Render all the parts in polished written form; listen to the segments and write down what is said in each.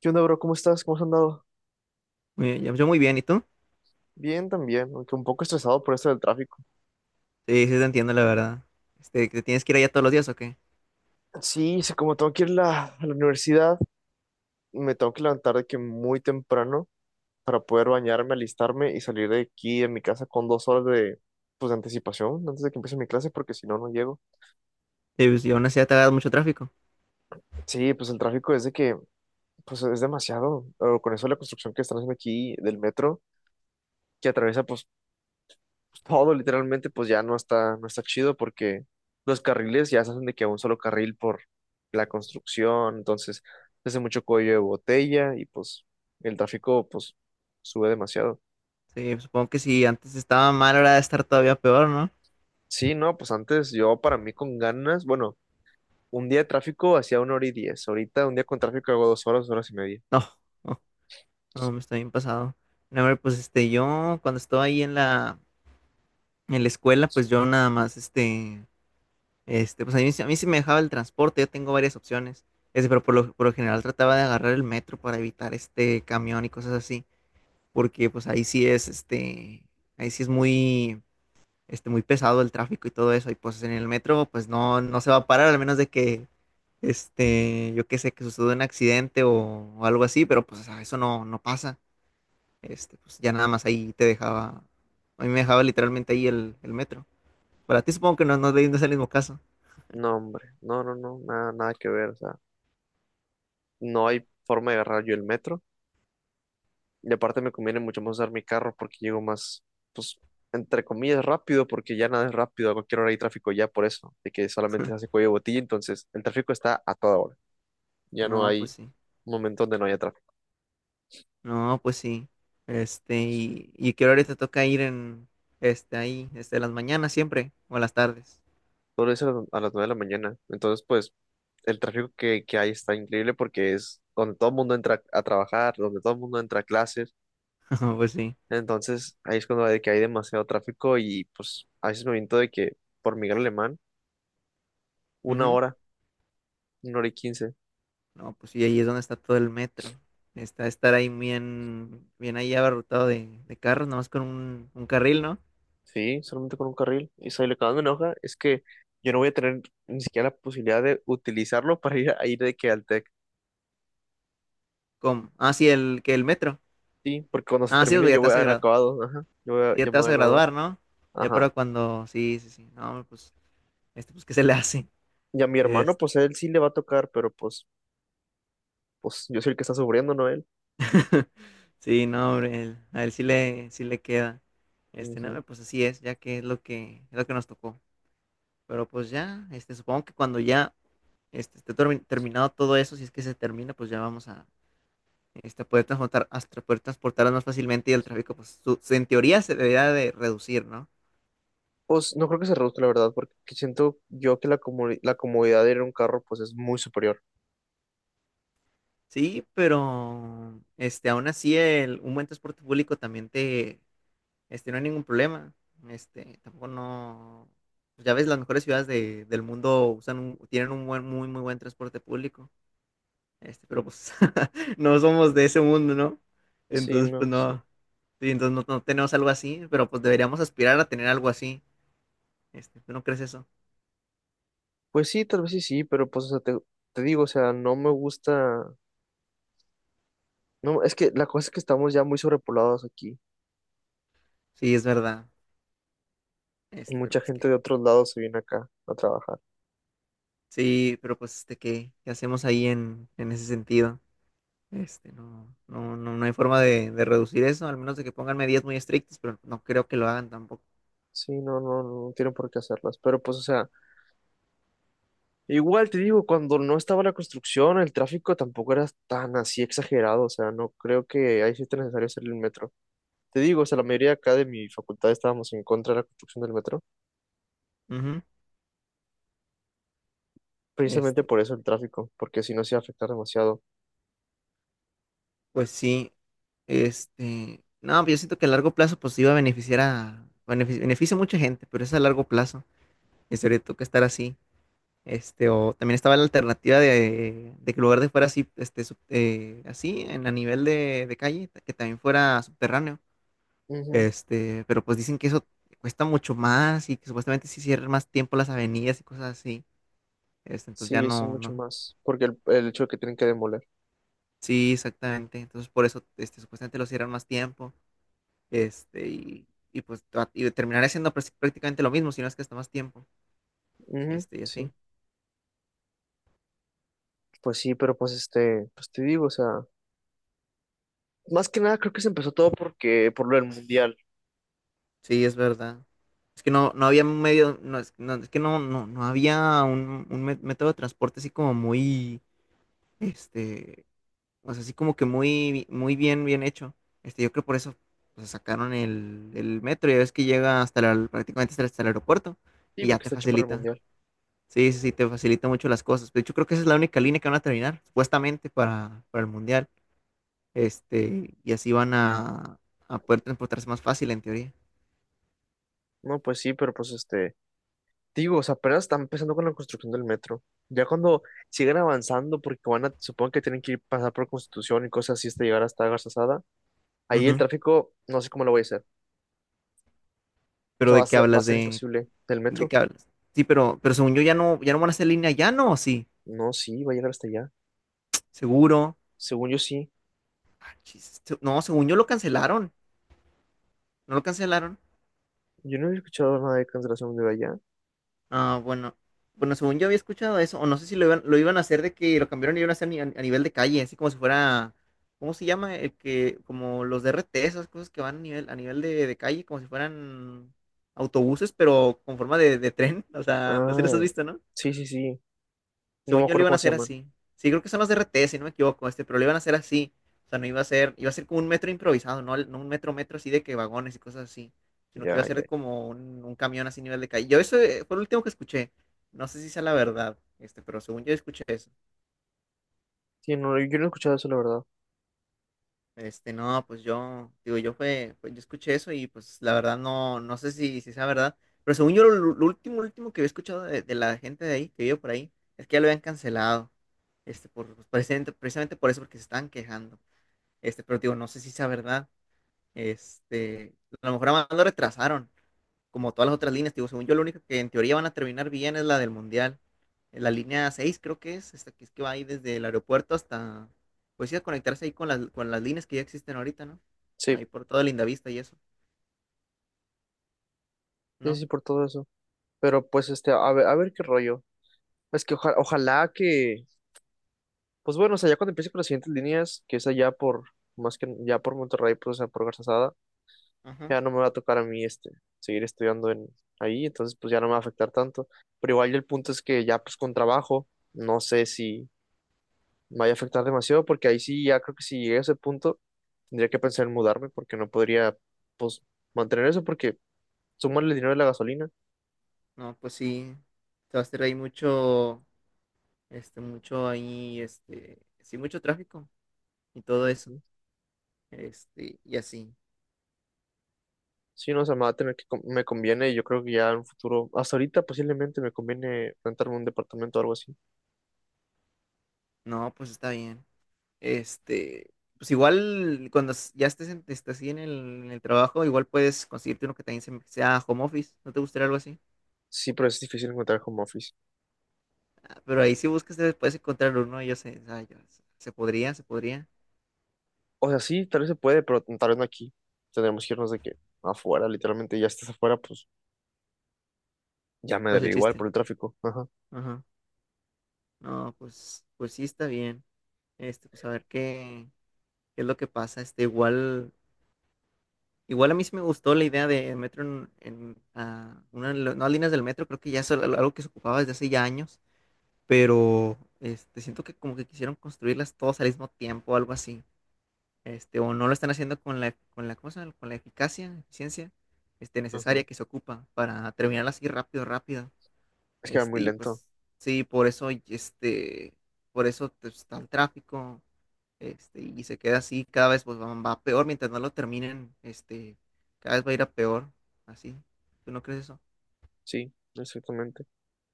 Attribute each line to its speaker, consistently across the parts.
Speaker 1: ¿Qué onda, bro? ¿Cómo estás? ¿Cómo has andado?
Speaker 2: Muy bien, yo muy bien, ¿y tú?
Speaker 1: Bien también, aunque un poco estresado por esto del tráfico.
Speaker 2: Sí, sí te entiendo, la verdad. Este, ¿que tienes que ir allá todos los días o qué?
Speaker 1: Sí, sí, como tengo que ir a la universidad, me tengo que levantar de que muy temprano para poder bañarme, alistarme y salir de aquí de mi casa con dos horas de, pues, de anticipación antes de que empiece mi clase, porque si no, no llego.
Speaker 2: Sí, pues, y aún así ya te hagas mucho tráfico.
Speaker 1: Sí, pues el tráfico es pues es demasiado. O con eso la construcción que están haciendo aquí del metro, que atraviesa, pues, todo literalmente, pues ya no está chido porque los carriles ya se hacen de que un solo carril por la construcción, entonces se hace mucho cuello de botella y pues el tráfico pues sube demasiado.
Speaker 2: Sí, pues, supongo que si antes estaba mal, ahora debe estar todavía peor, ¿no?
Speaker 1: Sí, no, pues antes yo para mí con ganas, bueno, un día de tráfico hacía una hora y diez, ahorita un día con tráfico hago dos horas y media.
Speaker 2: No, no, no, me está bien pasado. No, hombre, pues yo cuando estaba ahí en la escuela, pues yo nada más, pues a mí, a mí sí me dejaba el transporte, yo tengo varias opciones. Ese, pero por lo general trataba de agarrar el metro para evitar este camión y cosas así. Porque pues ahí sí es, ahí sí es muy muy pesado el tráfico y todo eso, y pues en el metro, pues no, no se va a parar, al menos de que, yo qué sé, que suceda un accidente o algo así, pero pues o sea, eso no, no pasa, pues ya nada más ahí te dejaba, a mí me dejaba literalmente ahí el metro. Para ti supongo que no, no, no es el mismo caso.
Speaker 1: No, hombre, no, no, no, nada, nada que ver, o sea, no hay forma de agarrar yo el metro. Y aparte me conviene mucho más usar mi carro porque llego más, pues, entre comillas, rápido, porque ya nada es rápido, a cualquier hora hay tráfico ya por eso, de que solamente se hace cuello de botella, entonces el tráfico está a toda hora, ya no
Speaker 2: No, pues
Speaker 1: hay
Speaker 2: sí,
Speaker 1: un momento donde no haya tráfico.
Speaker 2: no, pues sí, y que ahora te toca ir en, ahí, las mañanas siempre, o a las tardes,
Speaker 1: Todo eso a las nueve de la mañana, entonces pues el tráfico que hay está increíble porque es donde todo el mundo entra a trabajar, donde todo el mundo entra a clases,
Speaker 2: pues sí.
Speaker 1: entonces ahí es cuando de que hay demasiado tráfico y pues a veces me aviento de que por Miguel Alemán, una
Speaker 2: Ujú.
Speaker 1: hora, una hora y quince.
Speaker 2: No, pues sí, ahí es donde está todo el metro. Está estar ahí bien, bien ahí abarrotado de carros, nomás con un carril, ¿no?
Speaker 1: Sí, solamente con un carril. Y si lo que más me enoja es que yo no voy a tener ni siquiera la posibilidad de utilizarlo para ir de que al TEC.
Speaker 2: Como, ah, sí, el, que el metro.
Speaker 1: Sí, porque cuando se
Speaker 2: Ah, sí, pues
Speaker 1: termine
Speaker 2: ya
Speaker 1: yo
Speaker 2: te
Speaker 1: voy a
Speaker 2: vas a
Speaker 1: haber
Speaker 2: graduar,
Speaker 1: acabado. Ajá.
Speaker 2: ya
Speaker 1: Ya me
Speaker 2: te vas
Speaker 1: voy a
Speaker 2: a
Speaker 1: graduar.
Speaker 2: graduar, ¿no? Ya,
Speaker 1: Ajá.
Speaker 2: pero cuando, sí, sí, sí, no, pues, pues, ¿qué se le hace?
Speaker 1: Y a mi hermano,
Speaker 2: Este,
Speaker 1: pues a él sí le va a tocar, pero pues, pues yo soy el que está sufriendo, ¿no él?
Speaker 2: sí, no, hombre, a él sí le queda.
Speaker 1: Ujú.
Speaker 2: No, pues así es, ya que es lo que, es lo que nos tocó. Pero pues ya, supongo que cuando ya, esté terminado todo eso, si es que se termina, pues ya vamos a poder transportar, hasta poder transportarlas más fácilmente y el tráfico, pues en teoría se debería de reducir, ¿no?
Speaker 1: Pues no creo que se reduzca, la verdad, porque siento yo la comodidad de ir en un carro, pues es muy superior.
Speaker 2: Sí, pero aún así el, un buen transporte público también te, no hay ningún problema. Tampoco no, pues ya ves, las mejores ciudades del mundo usan tienen un buen, muy, muy buen transporte público. Pero pues no somos de ese mundo, ¿no?
Speaker 1: Sí,
Speaker 2: Entonces, pues
Speaker 1: no, sí.
Speaker 2: no, sí, entonces no, no tenemos algo así, pero pues deberíamos aspirar a tener algo así. ¿Tú no crees eso?
Speaker 1: Pues sí, tal vez sí, sí, pero pues, o sea, te digo, o sea, no me gusta. No, es que la cosa es que estamos ya muy sobrepoblados aquí.
Speaker 2: Sí, es verdad.
Speaker 1: Y
Speaker 2: Pero
Speaker 1: mucha
Speaker 2: pues
Speaker 1: gente
Speaker 2: qué.
Speaker 1: de otros lados se viene acá a trabajar.
Speaker 2: Sí, pero pues ¿qué, qué hacemos ahí en ese sentido? No, no, no, no hay forma de reducir eso, al menos de que pongan medidas muy estrictas, pero no creo que lo hagan tampoco.
Speaker 1: Sí, no, no, no tienen por qué hacerlas. Pero pues, o sea, igual te digo, cuando no estaba la construcción, el tráfico tampoco era tan así exagerado. O sea, no creo que ahí sí esté necesario hacer el metro. Te digo, o sea, la mayoría acá de mi facultad estábamos en contra de la construcción del metro,
Speaker 2: Ujú.
Speaker 1: precisamente
Speaker 2: Este,
Speaker 1: por eso el tráfico, porque si no se iba a afectar demasiado.
Speaker 2: pues sí, no, pero yo siento que a largo plazo pues iba a beneficiar a, beneficia a mucha gente, pero es a largo plazo, y sobre todo que estar así. O también estaba la alternativa de que el lugar de fuera así, así, en a nivel de calle, que también fuera subterráneo.
Speaker 1: Ujú.
Speaker 2: Pero pues dicen que eso cuesta mucho más y que supuestamente sí cierran más tiempo las avenidas y cosas así. Entonces ya
Speaker 1: Sí, eso es
Speaker 2: no,
Speaker 1: mucho
Speaker 2: no.
Speaker 1: más, porque el hecho de que tienen que demoler.
Speaker 2: Sí, exactamente. Entonces por eso, supuestamente lo cierran más tiempo. Y pues y terminaré siendo prácticamente lo mismo, si no es que hasta más tiempo.
Speaker 1: Ujú.
Speaker 2: Y
Speaker 1: Sí,
Speaker 2: así.
Speaker 1: pues sí, pero pues este, pues te digo, o sea, más que nada creo que se empezó todo porque por lo del mundial.
Speaker 2: Sí, es verdad. Es que no, no había un medio, no, es, no, es que no, no, no había un método de transporte así como muy, este, o sea, así como que muy, muy bien, bien hecho. Yo creo por eso pues, sacaron el metro. Ya ves que llega hasta prácticamente hasta, hasta el aeropuerto
Speaker 1: Sí,
Speaker 2: y ya
Speaker 1: porque
Speaker 2: te
Speaker 1: está hecho para el
Speaker 2: facilita.
Speaker 1: mundial.
Speaker 2: Sí, sí, sí, te facilita mucho las cosas. De hecho, creo que esa es la única línea que van a terminar, supuestamente, para el mundial. Y así van a poder transportarse más fácil, en teoría.
Speaker 1: No, pues sí, pero pues este, digo, o sea, apenas están empezando con la construcción del metro. Ya cuando sigan avanzando, porque van a, supongo que tienen que ir pasar por Constitución y cosas así hasta llegar hasta Garzasada, ahí el
Speaker 2: Ujú.
Speaker 1: tráfico, no sé cómo lo voy a hacer. O
Speaker 2: Pero
Speaker 1: sea,
Speaker 2: ¿de qué
Speaker 1: va a
Speaker 2: hablas?
Speaker 1: ser imposible. ¿Del
Speaker 2: De
Speaker 1: metro?
Speaker 2: qué hablas? Sí, pero según yo ya no, ya no van a hacer línea, ya no, ¿o sí?
Speaker 1: No, sí, va a llegar hasta allá.
Speaker 2: Seguro.
Speaker 1: Según yo sí.
Speaker 2: Ah, chis, no, según yo lo cancelaron. ¿No lo cancelaron?
Speaker 1: Yo no he escuchado nada de cancelación de allá.
Speaker 2: Ah, bueno. Bueno, según yo había escuchado eso, o no sé si lo iban, lo iban a hacer de que lo cambiaron y iban a hacer a, nivel de calle, así como si fuera, ¿cómo se llama? El que, como los DRT, esas cosas que van a nivel de calle, como si fueran autobuses, pero con forma de tren. O sea, no sé si los
Speaker 1: Ah,
Speaker 2: has visto, ¿no?
Speaker 1: sí, sí, sí. No me
Speaker 2: Según yo lo
Speaker 1: acuerdo
Speaker 2: iban a
Speaker 1: cómo se
Speaker 2: hacer
Speaker 1: llaman.
Speaker 2: así. Sí, creo que son los RT, si no me equivoco, pero lo iban a hacer así. O sea, no iba a ser, iba a ser como un metro improvisado, no, no un metro metro así de que vagones y cosas así, sino que iba
Speaker 1: Ya,
Speaker 2: a
Speaker 1: ya.
Speaker 2: ser como un camión así nivel de calle. Yo eso fue lo último que escuché. No sé si sea la verdad, pero según yo escuché eso.
Speaker 1: Sí, no, yo no he escuchado eso, la verdad.
Speaker 2: No, pues yo, digo, yo fue, yo escuché eso y pues la verdad no, no sé si, si sea verdad, pero según yo lo último, último que había escuchado de la gente de ahí, que vive por ahí, es que ya lo habían cancelado, por, pues, precisamente, precisamente por eso, porque se estaban quejando, pero digo, no sé si sea verdad, este, a lo mejor nada más lo retrasaron, como todas las otras líneas, digo, según yo, la única que en teoría van a terminar bien es la del Mundial. En la línea 6, creo que es, esta que es que va ahí desde el aeropuerto hasta, pues sí, a conectarse ahí con las líneas que ya existen ahorita, ¿no? Ahí
Speaker 1: Sí,
Speaker 2: por toda Lindavista y eso,
Speaker 1: sí,
Speaker 2: ¿no?
Speaker 1: sí, por todo eso. Pero pues este, a ver qué rollo. Es que ojalá que, pues bueno, o sea, ya cuando empiece con las siguientes líneas, que es allá por, más que ya por Monterrey, pues, o sea, por Garzasada,
Speaker 2: Ajá.
Speaker 1: ya no me va a tocar a mí, este, seguir estudiando en ahí, entonces, pues, ya no me va a afectar tanto. Pero igual el punto es que ya, pues, con trabajo, no sé si me vaya a afectar demasiado, porque ahí sí, ya creo que si llegué a ese punto, tendría que pensar en mudarme, porque no podría, pues, mantener eso, porque sumarle el dinero de la gasolina.
Speaker 2: No, pues sí, se va a hacer ahí mucho, mucho ahí, sí, mucho tráfico y todo eso,
Speaker 1: Ujú.
Speaker 2: y así.
Speaker 1: Sí, no, o sea, me va a tener me conviene y yo creo que ya en un futuro, hasta ahorita posiblemente me conviene rentarme un departamento o algo así.
Speaker 2: No, pues está bien. Pues igual cuando ya estés, estés así en el trabajo, igual puedes conseguirte uno que también sea home office. ¿No te gustaría algo así?
Speaker 1: Sí, pero es difícil encontrar home office.
Speaker 2: Ah, pero ahí si buscas te puedes encontrar uno, y yo sé, ah, se podría, se podría.
Speaker 1: O sea, sí, tal vez se puede, pero tal vez no aquí. Tendremos que irnos de que afuera, literalmente ya estás afuera, pues ya me
Speaker 2: Pues
Speaker 1: daría
Speaker 2: el
Speaker 1: igual por
Speaker 2: chiste.
Speaker 1: el tráfico. Ajá,
Speaker 2: Ajá. No, pues, pues sí está bien. Pues a ver qué, qué es lo que pasa. Igual, igual a mí sí me gustó la idea de metro en, ah, una de las nuevas líneas del metro, creo que ya es algo que se ocupaba desde hace ya años, pero siento que como que quisieron construirlas todas al mismo tiempo o algo así. O no lo están haciendo con la cosa, con la eficacia, eficiencia,
Speaker 1: ajá.
Speaker 2: necesaria que se ocupa para terminarlas así rápido, rápido.
Speaker 1: Es que va muy
Speaker 2: Y
Speaker 1: lento.
Speaker 2: pues sí, por eso, y por eso pues, está el tráfico, y se queda así, cada vez pues va, va peor mientras no lo terminen, cada vez va a ir a peor, así. ¿Tú no crees eso?
Speaker 1: Sí, exactamente.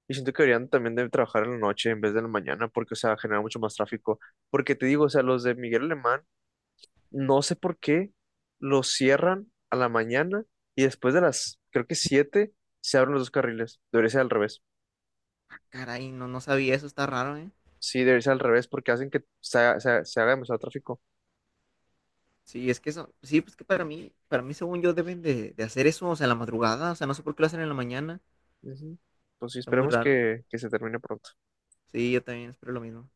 Speaker 1: Y siento que deberían también de trabajar en la noche en vez de en la mañana, porque, o sea, genera mucho más tráfico. Porque te digo, o sea, los de Miguel Alemán, no sé por qué lo cierran a la mañana y después de las, creo que siete, se abren los dos carriles. Debería ser al revés.
Speaker 2: Caray, no, no sabía eso, está raro, ¿eh?
Speaker 1: Sí, debería ser al revés porque hacen que se, haga- se, haga se haga demasiado tráfico.
Speaker 2: Sí, es que eso, sí, pues que para mí según yo deben de hacer eso, o sea, en la madrugada, o sea, no sé por qué lo hacen en la mañana,
Speaker 1: Ujú. Pues sí,
Speaker 2: está muy
Speaker 1: esperemos
Speaker 2: raro.
Speaker 1: que se termine pronto.
Speaker 2: Sí, yo también espero lo mismo.